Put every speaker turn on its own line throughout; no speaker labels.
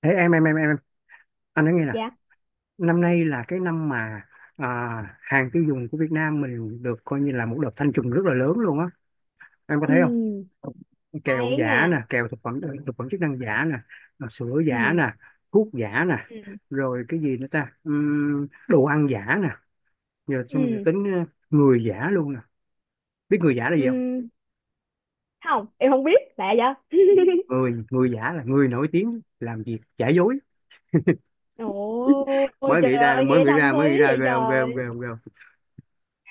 Ê, em, anh nói nghe nè.
Dạ.
Năm nay là cái năm mà hàng tiêu dùng của Việt Nam mình được coi như là một đợt thanh trùng rất là lớn luôn á. Em có
Ừ,
thấy không?
hay
Kẹo
ấy
giả
nha.
nè, kẹo thực phẩm chức năng giả nè, rồi sữa giả
Ừ,
nè, thuốc giả nè,
ừ,
rồi cái gì nữa ta? Đồ ăn giả nè. Giờ xong rồi
ừ,
tính người giả luôn nè. Biết người giả là gì không?
ừ, không em không biết, lạ vậy.
Người người giả là người nổi tiếng làm việc giả dối.
Ôi
Mới
trời
nghĩ ra,
ơi,
mới
nghe
nghĩ
thâm
ra, mới
thúy
nghĩ ra,
vậy
ghê không, ghê không,
trời.
ghê không, ghê không?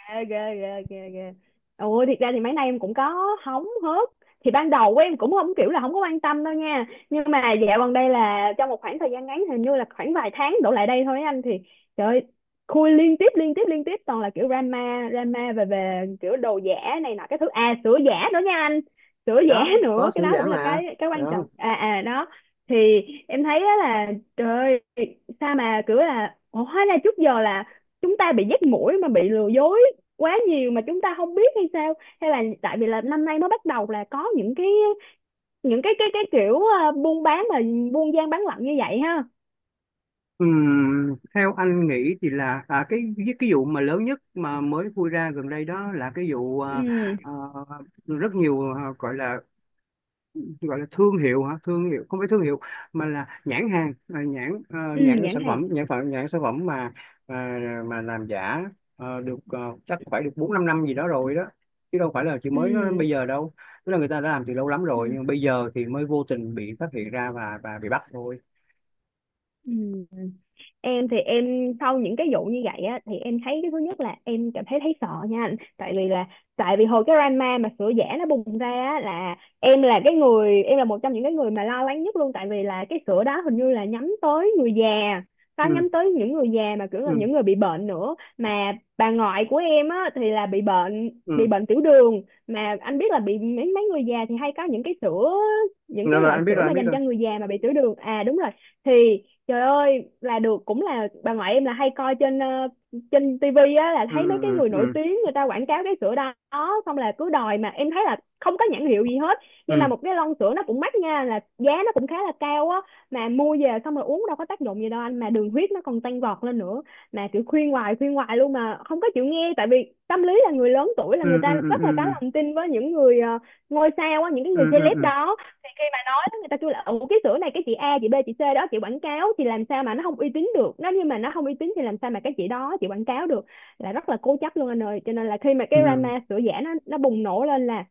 Ghê, ghê, ghê, ghê, ghê. Ôi, thiệt ra thì mấy nay em cũng có hóng hớt. Thì ban đầu của em cũng không, kiểu là không có quan tâm đâu nha, nhưng mà dạo gần đây là trong một khoảng thời gian ngắn, hình như là khoảng vài tháng đổ lại đây thôi á, anh thì trời ơi, khui liên tiếp liên tiếp liên tiếp toàn là kiểu drama drama về về kiểu đồ giả này nọ, cái thứ à sữa giả nữa nha anh, sữa
Thì
giả
đó, có
nữa, cái
sữa
đó
giả
cũng là
mà,
cái quan
đó.
trọng à đó. Thì em thấy á là trời ơi, sao mà kiểu là ủa, hóa ra trước giờ là chúng ta bị dắt mũi mà bị lừa dối quá nhiều mà chúng ta không biết hay sao, hay là tại vì là năm nay mới bắt đầu là có những cái kiểu buôn bán mà buôn gian bán lận như vậy ha.
Theo anh nghĩ thì là cái vụ mà lớn nhất mà mới vui ra gần đây, đó là cái vụ
Ừ,
à, rất nhiều, gọi là, thương hiệu hả? Thương hiệu, không phải thương hiệu mà là nhãn hàng, nhãn,
ừ,
nhãn
nhãn
sản
hàng.
phẩm, nhãn phẩm, nhãn sản phẩm mà à, mà làm giả, được, chắc phải được 4-5 năm gì đó rồi đó, chứ đâu phải là chỉ mới nó
Ừ,
bây giờ đâu. Tức là người ta đã làm từ lâu lắm
ừ,
rồi, nhưng bây giờ thì mới vô tình bị phát hiện ra và bị bắt thôi.
ừ. Em thì em sau những cái vụ như vậy á thì em thấy cái thứ nhất là em cảm thấy thấy sợ nha anh. Tại vì hồi cái drama mà sữa giả nó bùng ra á, là em là cái người em là một trong những cái người mà lo lắng nhất luôn, tại vì là cái sữa đó hình như là nhắm tới người già. Có
Ừ,
nhắm tới những người già mà kiểu
ừ,
là những người bị bệnh nữa, mà bà ngoại của em á thì là bị bệnh bị
ừ,
bệnh tiểu đường. Mà anh biết là bị mấy mấy người già thì hay có những cái sữa những
rồi,
cái
rồi,
loại
anh biết rồi,
sữa mà
anh biết
dành
rồi.
cho người già mà bị tiểu đường, à đúng rồi. Thì trời ơi là được, cũng là bà ngoại em là hay coi trên tivi á, là
Ừ,
thấy mấy cái
ừ,
người nổi
ừ,
tiếng người ta quảng cáo cái sữa đó. Xong là cứ đòi, mà em thấy là không có nhãn hiệu gì hết. Nhưng
ừ,
mà một cái lon sữa nó cũng mắc nha, là giá nó cũng khá là cao á, mà mua về xong rồi uống đâu có tác dụng gì đâu anh, mà đường huyết nó còn tăng vọt lên nữa. Mà kiểu khuyên hoài luôn mà không có chịu nghe, tại vì tâm lý là người lớn tuổi là
ừ,
người
ừ,
ta
ừ,
rất là có
ừ,
lòng tin với những người ngôi sao á, những cái
ừ,
người
ừ, ừ,
celeb
ừ,
đó. Đó người ta kêu là ừ, cái sữa này cái chị A, chị B, chị C đó chị quảng cáo thì làm sao mà nó không uy tín được nó, nhưng mà nó không uy tín thì làm sao mà cái chị đó chị quảng cáo được. Là rất là cố chấp luôn anh ơi, cho nên là khi mà cái
ừ,
drama sữa giả nó bùng nổ lên là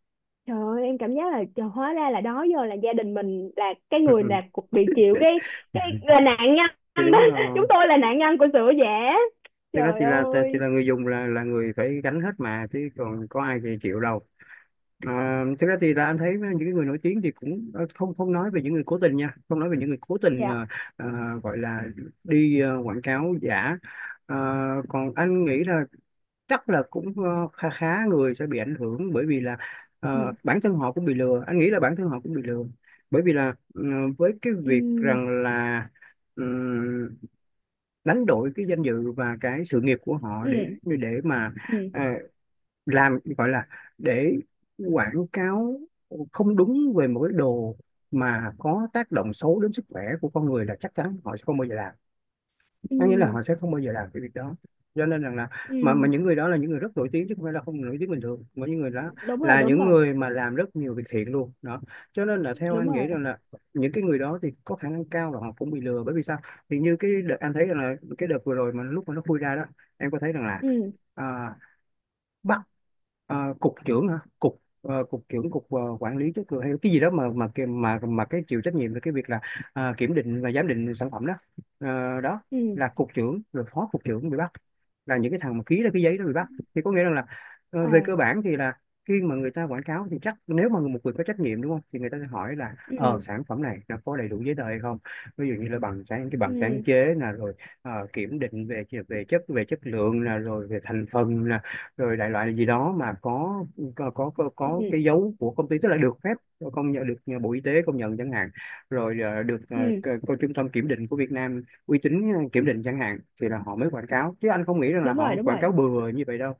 trời ơi, em cảm giác là trời, hóa ra là đó giờ là gia đình mình là cái
ừ,
người
ừ. Ừ.
là bị chịu cái là nạn
Thì
nhân đó.
đúng
Chúng
rồi.
tôi là nạn nhân của sữa giả.
Thực ra
Trời
thì là thì
ơi.
là người dùng là người phải gánh hết mà, chứ còn có ai thì chịu đâu. Thực ra thì là anh thấy những cái người nổi tiếng thì cũng không không nói về những người cố tình nha, không nói về những người cố tình
Dạ.
ờ, gọi là đi quảng cáo giả. Ờ, còn anh nghĩ là chắc là cũng khá khá người sẽ bị ảnh hưởng, bởi vì là
Ừ,
bản thân họ cũng bị lừa, anh nghĩ là bản thân họ cũng bị lừa, bởi vì là với cái
ừ,
việc rằng là ừm, đánh đổi cái danh dự và cái sự nghiệp của họ để
ừ,
để mà
ừ,
ờ, làm, gọi là, để quảng cáo không đúng về một cái đồ mà có tác động xấu đến sức khỏe của con người, là chắc chắn họ sẽ không bao giờ làm. Có nghĩa là
ừ,
họ sẽ không bao giờ làm cái việc đó. Cho nên rằng là
ừ.
mà những người đó là những người rất nổi tiếng, chứ không phải là không nổi tiếng bình thường. Mà những người đó
Đúng rồi,
là
đúng
những
rồi,
người mà làm rất nhiều việc thiện luôn đó. Cho nên là theo
đúng
anh nghĩ
rồi.
rằng là những cái người đó thì có khả năng cao là họ cũng bị lừa. Bởi vì sao? Thì như cái đợt anh thấy rằng là cái đợt vừa rồi mà lúc mà nó khui ra đó, em có thấy rằng là
Ừ,
à, Ờ, cục trưởng hả, cục cục trưởng, cục quản lý chất lượng hay cái gì đó, mà mà cái chịu trách nhiệm về cái việc là kiểm định và giám định sản phẩm đó. Ờ, đó
ừ,
là cục trưởng, rồi phó cục trưởng bị bắt, là những cái thằng mà ký ra cái giấy đó bị bắt, thì có nghĩa rằng là về cơ
à,
bản thì là khi mà người ta quảng cáo thì chắc, nếu mà một người có trách nhiệm, đúng không, thì người ta sẽ hỏi là
ừ,
sản phẩm này nó có đầy đủ giấy tờ hay không. Ví dụ như là bằng sáng cái bằng sáng
ừ,
chế nè, rồi kiểm định về về chất lượng nè, rồi về thành phần nè, rồi đại loại gì đó mà có
ừ,
cái dấu của công ty, tức là được phép công nhận, được Bộ Y tế công nhận chẳng hạn, rồi
ừ.
cơ trung tâm kiểm định của Việt Nam uy tín kiểm định chẳng hạn, thì là họ mới quảng cáo, chứ anh không nghĩ rằng là
Đúng
họ
rồi, đúng
quảng
rồi.
cáo bừa như vậy đâu.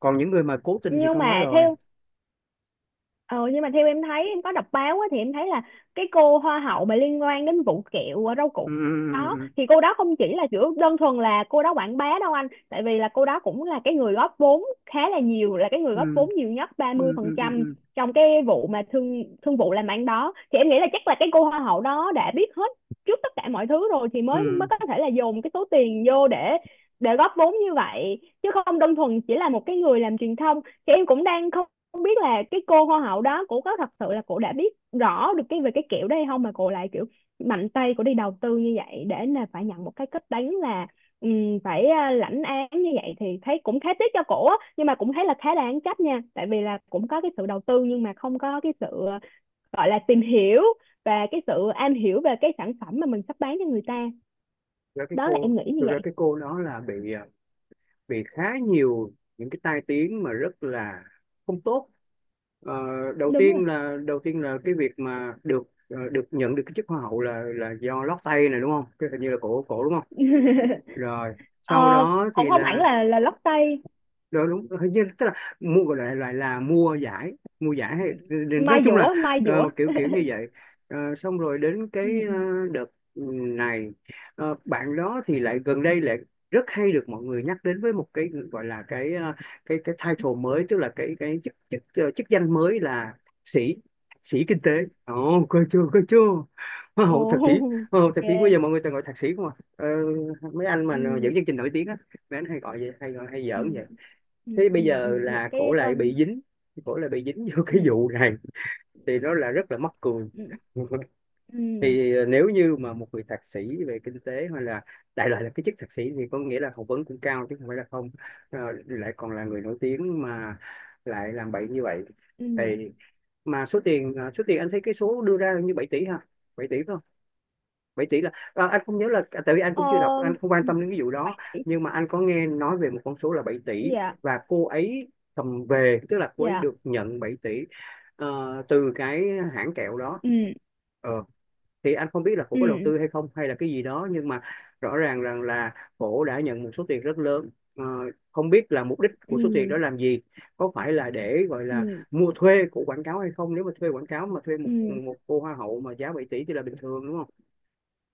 Còn những người mà cố tình thì
nhưng
con nói
mà
rồi.
theo Ờ nhưng mà theo em thấy em có đọc báo á, thì em thấy là cái cô hoa hậu mà liên quan đến vụ kẹo rau củ
Ừ,
đó
ừ,
thì cô đó không chỉ là kiểu đơn thuần là cô đó quảng bá đâu anh, tại vì là cô đó cũng là cái người góp vốn khá là nhiều, là cái người
ừ,
góp vốn nhiều nhất ba mươi
ừ,
phần
ừ, ừ, ừ,
trăm
ừ,
trong cái vụ mà thương thương vụ làm ăn đó thì em nghĩ là chắc là cái cô hoa hậu đó đã biết hết trước tất cả mọi thứ rồi, thì mới mới
ừ.
có thể là dồn cái số tiền vô để góp vốn như vậy chứ không đơn thuần chỉ là một cái người làm truyền thông. Thì em cũng đang không không biết là cái cô hoa hậu đó cổ có thật sự là cổ đã biết rõ được cái về cái kiểu đó hay không, mà cổ lại kiểu mạnh tay cổ đi đầu tư như vậy để là phải nhận một cái kết đánh là phải lãnh án như vậy thì thấy cũng khá tiếc cho cổ á, nhưng mà cũng thấy là khá đáng trách nha tại vì là cũng có cái sự đầu tư nhưng mà không có cái sự gọi là tìm hiểu và cái sự am hiểu về cái sản phẩm mà mình sắp bán cho người ta.
Thực ra cái
Đó là
cô
em nghĩ như
Thực ra
vậy.
cái cô đó là bị bị khá nhiều những cái tai tiếng mà rất là không tốt. Ờ,
Đúng rồi.
đầu tiên là cái việc mà được nhận được cái chức hoa hậu là do lót tay này, đúng không? Cái hình như là cổ cổ đúng không? Rồi
ờ,
sau đó
Cũng
thì
không hẳn
là,
là lót tay.
đó, đúng, hình như tức là mua, gọi là, loại là mua giải, mua giải hay nói
Mai
chung là
dũa, mai dũa.
kiểu kiểu như vậy. Ờ, xong rồi đến cái
Ừ, ừ,
đợt này, bạn đó thì lại gần đây lại rất hay được mọi người nhắc đến với một cái, gọi là, cái title mới, tức là cái chức chức ờ, chức danh mới là thạc sĩ, thạc sĩ kinh tế. Ồ, coi chưa, coi chưa, hoa
ồ.
hậu thạc sĩ, hoa hậu thạc sĩ, bây
Yeah.
giờ mọi người toàn gọi thạc sĩ không à. Ờ, mấy anh mà dẫn
Ừ,
chương trình nổi tiếng á, mấy anh hay gọi vậy, hay gọi, hay
ừ,
giỡn vậy.
ừ,
Thế
ừ,
bây giờ
ừ, một
là
cái
cổ lại bị
tên.
dính, cổ lại bị dính vô cái
Ừ,
vụ này thì nó
ừ,
là rất là mắc cười.
ừ, ừ.
Thì nếu như mà một người thạc sĩ về kinh tế hay là đại loại là cái chức thạc sĩ thì có nghĩa là học vấn cũng cao, chứ không phải là không. Ờ, lại còn là người nổi tiếng mà lại làm bậy như vậy
Ừ.
thì, mà số tiền anh thấy cái số đưa ra như 7 tỷ ha, 7 tỷ phải không, vậy tỷ là, anh không nhớ là, tại vì anh
Ờ,
cũng chưa đọc, anh không quan
ừ,
tâm đến cái vụ đó. Nhưng mà anh có nghe nói về một con số là 7 tỷ,
dạ,
và cô ấy cầm về, tức là cô ấy
dạ,
được nhận 7 tỷ từ cái hãng kẹo đó.
ừ,
ờ, thì anh không biết là cổ
ừ,
có đầu tư hay không hay là cái gì đó, nhưng mà rõ ràng rằng là cổ đã nhận một số tiền rất lớn. Ờ, không biết là mục đích của số tiền
ừ,
đó làm gì, có phải là để gọi là
ừ,
mua thuê của quảng cáo hay không. Nếu mà thuê quảng cáo, mà thuê một
ừ.
một cô hoa hậu mà giá 7 tỷ thì là bình thường, đúng không?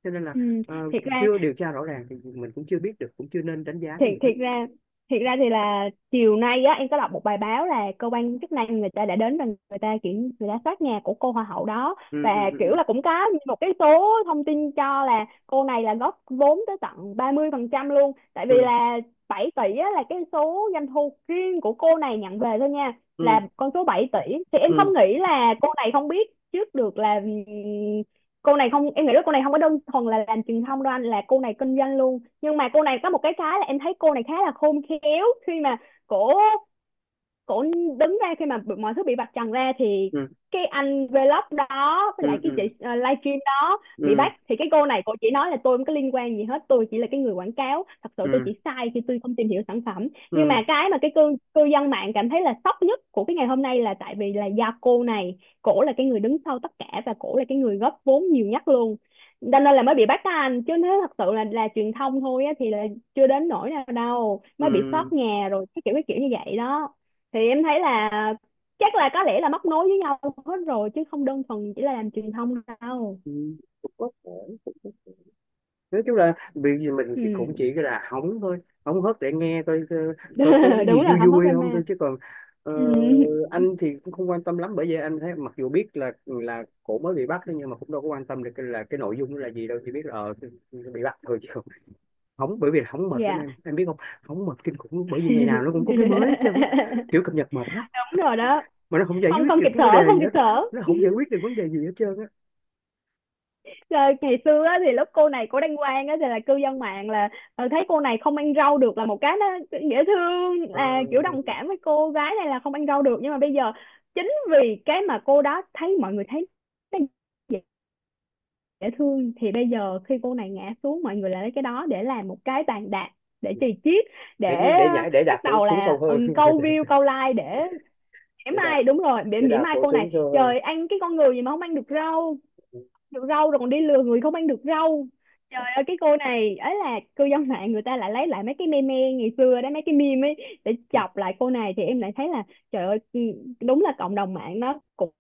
Cho nên là
Ừ.
ờ,
Thiệt ra
chưa điều tra rõ ràng thì mình cũng chưa biết được, cũng chưa nên đánh giá cái gì
thiệt
hết.
thiệt ra thiệt ra thì là chiều nay á em có đọc một bài báo là cơ quan chức năng người ta đã đến và người ta soát nhà của cô hoa hậu đó.
ừ,
Và
ừ,
kiểu
ừ,
là cũng có một cái số thông tin cho là cô này là góp vốn tới tận 30% luôn, tại vì là 7 tỷ á, là cái số doanh thu riêng của cô này nhận về thôi nha,
ừ,
là con số 7 tỷ. Thì em không
ừ,
nghĩ là cô này không biết trước được là cô này không em nghĩ là cô này không có đơn thuần là làm truyền thông đâu anh, là cô này kinh doanh luôn. Nhưng mà cô này có một cái là em thấy cô này khá là khôn khéo khi mà cổ cổ đứng ra khi mà mọi thứ bị vạch trần ra thì
ừ,
cái anh vlog đó
ừ,
với lại cái chị livestream đó
ừ,
bị
ừ,
bắt thì cái cô này cô chỉ nói là tôi không có liên quan gì hết, tôi chỉ là cái người quảng cáo, thật sự tôi
ừ,
chỉ sai khi tôi không tìm hiểu sản phẩm.
ừ,
Nhưng mà
ừ,
cái cư cư dân mạng cảm thấy là sốc nhất của cái ngày hôm nay là tại vì là do cô này cổ là cái người đứng sau tất cả và cổ là cái người góp vốn nhiều nhất luôn, cho nên là mới bị bắt á anh, chứ nếu thật sự là truyền thông thôi á thì là chưa đến nỗi nào đâu, mới bị
ừ.
sót nhà rồi cái kiểu như vậy đó. Thì em thấy là chắc là có lẽ là móc nối với nhau hết rồi chứ không đơn thuần chỉ là làm truyền thông đâu.
Ừ. Cũng có thể, cũng có thể. Nói chung là việc gì mình thì cũng
Ừ.
chỉ là hóng thôi, hóng hớt để nghe, coi, coi, coi có cái
Đúng
gì
rồi,
vui
không hóc
vui không
drama.
thôi, chứ còn ờ,
Ừ.
anh thì cũng không quan tâm lắm, bởi vì anh thấy mặc dù biết là cổ mới bị bắt thôi, nhưng mà cũng đâu có quan tâm được là cái nội dung nó là gì đâu, chỉ biết là bị bắt thôi. Chứ hóng, bởi vì là hóng mệt lắm,
Dạ.
em biết không? Hóng mệt kinh khủng, bởi vì ngày nào nó cũng có cái mới hết trơn á, kiểu cập nhật mệt lắm,
Đúng rồi đó.
mà nó không giải
không
quyết
không
được
kịp
cái vấn
thở,
đề
không
gì
kịp
hết.
thở.
Nó không giải quyết được vấn đề gì hết trơn á.
Rồi ngày xưa á, thì lúc cô này cô đăng quang á, thì là cư dân mạng là thấy cô này không ăn rau được là một cái nó dễ thương,
Ờ,
là kiểu đồng cảm với cô gái này là không ăn rau được. Nhưng mà bây giờ chính vì cái mà cô đó thấy mọi người thấy nó dễ thương thì bây giờ khi cô này ngã xuống mọi người lại lấy cái đó để làm một cái bàn đạp để chì chiết, để
để nhảy, để đạp
bắt
cổ
đầu
xuống sâu
là
hơn.
câu view câu like để mỉa
Để đạp,
mai, đúng rồi để
để
mỉa
đạp
mai
cổ
cô
xuống
này,
sâu hơn.
trời ăn cái con người gì mà không ăn được rau, được rau rồi còn đi lừa người không ăn được rau. Trời ơi, cái cô này ấy, là cư dân mạng người ta lại lấy lại mấy cái meme ngày xưa đó, mấy cái meme ấy để chọc lại cô này, thì em lại thấy là trời ơi, ừ, đúng là cộng đồng mạng nó cũng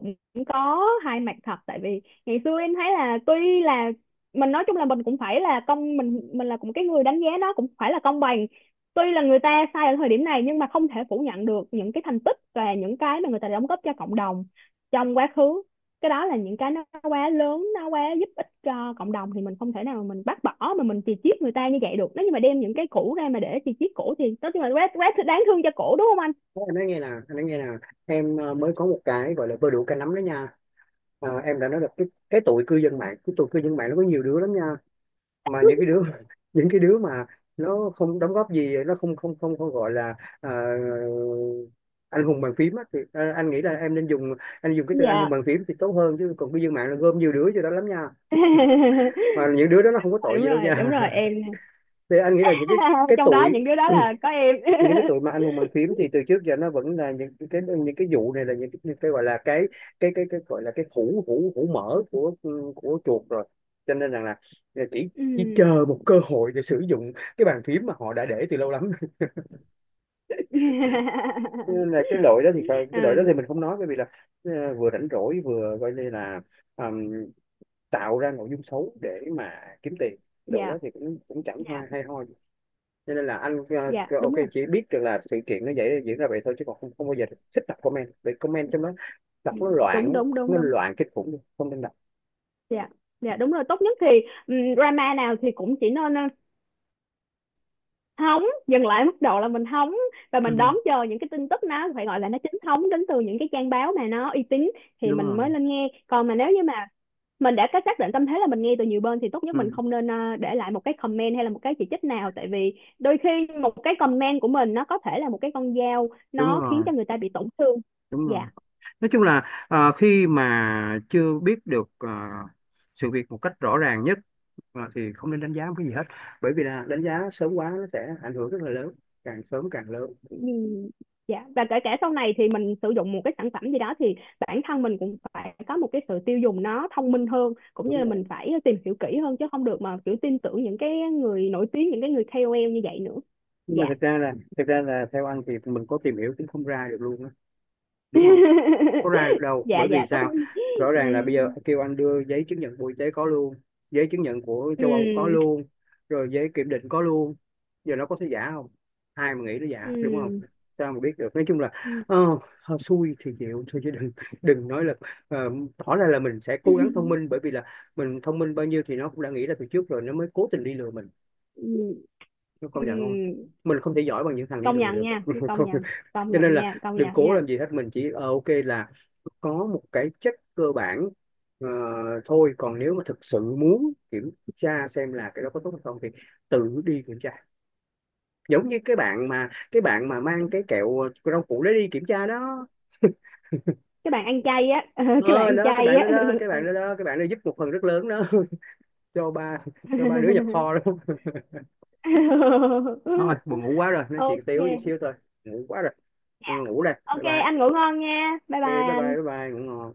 có hai mặt thật. Tại vì ngày xưa em thấy là tuy là mình, nói chung là mình cũng phải là công mình là cũng cái người đánh giá, nó cũng phải là công bằng. Tuy là người ta sai ở thời điểm này nhưng mà không thể phủ nhận được những cái thành tích và những cái mà người ta đã đóng góp cho cộng đồng trong quá khứ, cái đó là những cái nó quá lớn nó quá giúp ích cho cộng đồng, thì mình không thể nào mình bác bỏ mà mình chì chiết người ta như vậy được. Nếu như mà đem những cái cũ ra mà để chì chiết cũ thì tất nhiên là quá quá đáng thương cho cũ đúng không anh.
Thế anh nói nghe nè, anh nói nghe nè. Em mới có một cái gọi là bơ đũa cá nắm đó nha. Ờ, em đã nói là cái tụi cư dân mạng, cái tụi cư dân mạng nó có nhiều đứa lắm nha. Mà những cái đứa những cái đứa mà nó không đóng góp gì, nó không không không không gọi là, ờ, anh hùng bàn phím á, thì anh nghĩ là em nên dùng, anh dùng cái từ anh hùng
Dạ.
bàn phím thì tốt hơn, chứ còn cư dân mạng là gom nhiều đứa vô đó lắm nha. Mà những đứa đó nó không có
Ờ,
tội gì đâu
đúng
nha.
rồi em.
Thì anh nghĩ là những cái cái
Trong đó
tuổi,
những đứa đó là có em.
những cái tụi mà anh hùng bàn phím thì từ trước giờ nó vẫn là những cái, vụ này là những cái, gọi là cái hũ hũ hũ mỡ của chuột rồi. Cho nên rằng là à, chỉ chỉ
Ừ.
chờ một cơ hội để sử dụng cái bàn phím mà họ đã để từ lâu lắm. Cho nên là cái đội đó
Ừ,
thì mình không nói, bởi vì là vừa rảnh rỗi, vừa coi như là ừm, tạo ra nội dung xấu để mà kiếm tiền, cái đội
dạ,
đó thì cũng cũng chẳng
dạ,
hoa hay ho. Cho nên là anh
dạ,
ok,
đúng rồi.
chỉ biết được là sự kiện nó vậy, diễn ra vậy thôi, chứ còn không, không bao giờ thích đọc comment, vì comment trong đó đọc
Ừ,
nó loạn
đúng
lắm,
đúng đúng
nó
đúng.
loạn kinh khủng luôn, không nên đọc.
Dạ, dạ, đúng rồi. Tốt nhất thì ừ, drama nào thì cũng chỉ nên hóng dừng lại mức độ là mình hóng, và
Ừ,
mình đón chờ những cái tin tức nó phải gọi là nó chính thống đến từ những cái trang báo mà nó uy tín thì
đúng
mình
rồi,
mới lên nghe. Còn mà nếu như mà mình đã có xác định tâm thế là mình nghe từ nhiều bên thì tốt nhất mình
ừ,
không nên để lại một cái comment hay là một cái chỉ trích nào, tại vì đôi khi một cái comment của mình nó có thể là một cái con dao
đúng
nó khiến
rồi,
cho người ta bị tổn thương.
đúng rồi.
Dạ.
Nói chung là khi mà chưa biết được sự việc một cách rõ ràng nhất, thì không nên đánh giá một cái gì hết, bởi vì là đánh giá sớm quá nó sẽ ảnh hưởng rất là lớn, càng sớm càng lớn.
Ừ. Dạ, và kể cả sau này thì mình sử dụng một cái sản phẩm gì đó thì bản thân mình cũng phải có một cái sự tiêu dùng nó thông minh hơn, cũng như
Đúng
là mình
rồi.
phải tìm hiểu kỹ hơn chứ không được mà kiểu tin tưởng những cái người nổi tiếng, những cái người KOL như vậy nữa.
Nhưng mà
Dạ.
thực ra là theo anh thì mình có tìm hiểu cũng không ra được luôn á, đúng không? Có ra được đâu,
Dạ,
bởi vì
dạ, tốt.
sao? Rõ
Ừ,
ràng là bây giờ kêu anh đưa giấy chứng nhận Bộ Y tế có luôn, giấy chứng nhận của châu Âu có
ừ,
luôn, rồi giấy kiểm định có luôn. Giờ nó có thể giả không? Ai mà nghĩ nó giả, đúng không?
ừ,
Sao mà biết được. Nói chung là
ừ,
ờ, hên xui thì chịu thôi, chứ đừng đừng nói là ờ, tỏ ra là mình sẽ cố gắng thông minh, bởi vì là mình thông minh bao nhiêu thì nó cũng đã nghĩ ra từ trước rồi nó mới cố tình đi lừa mình.
ừ,
Nó công nhận không?
ừ.
Mình không thể giỏi bằng những thằng đi
Công
lừa
nhận
được.
nha, công
Không,
nhận. Công
cho nên
nhận nha,
là
công
đừng
nhận
cố
nha.
làm gì hết, mình chỉ ok là có một cái check cơ bản ờ, thôi. Còn nếu mà thực sự muốn kiểm tra xem là cái đó có tốt hay không thì tự đi kiểm tra, giống như cái bạn mà, mang cái kẹo rau củ để đi kiểm tra đó.
Các bạn ăn chay á. Các bạn
Ờ
ăn
đó, cái
chay
bạn đó
á.
đó, cái bạn đó đó, cái bạn đó giúp một phần rất lớn đó, cho ba, đứa nhập kho đó. Thôi buồn ngủ quá rồi, nói chuyện tiếu chút
Ok.
xíu thôi. Ngủ quá rồi. Ừ, ngủ đây, bye
Ok
bye.
anh ngủ ngon nha. Bye
Ok, bye
bye
bye,
anh.
bye bye, ngủ ngon.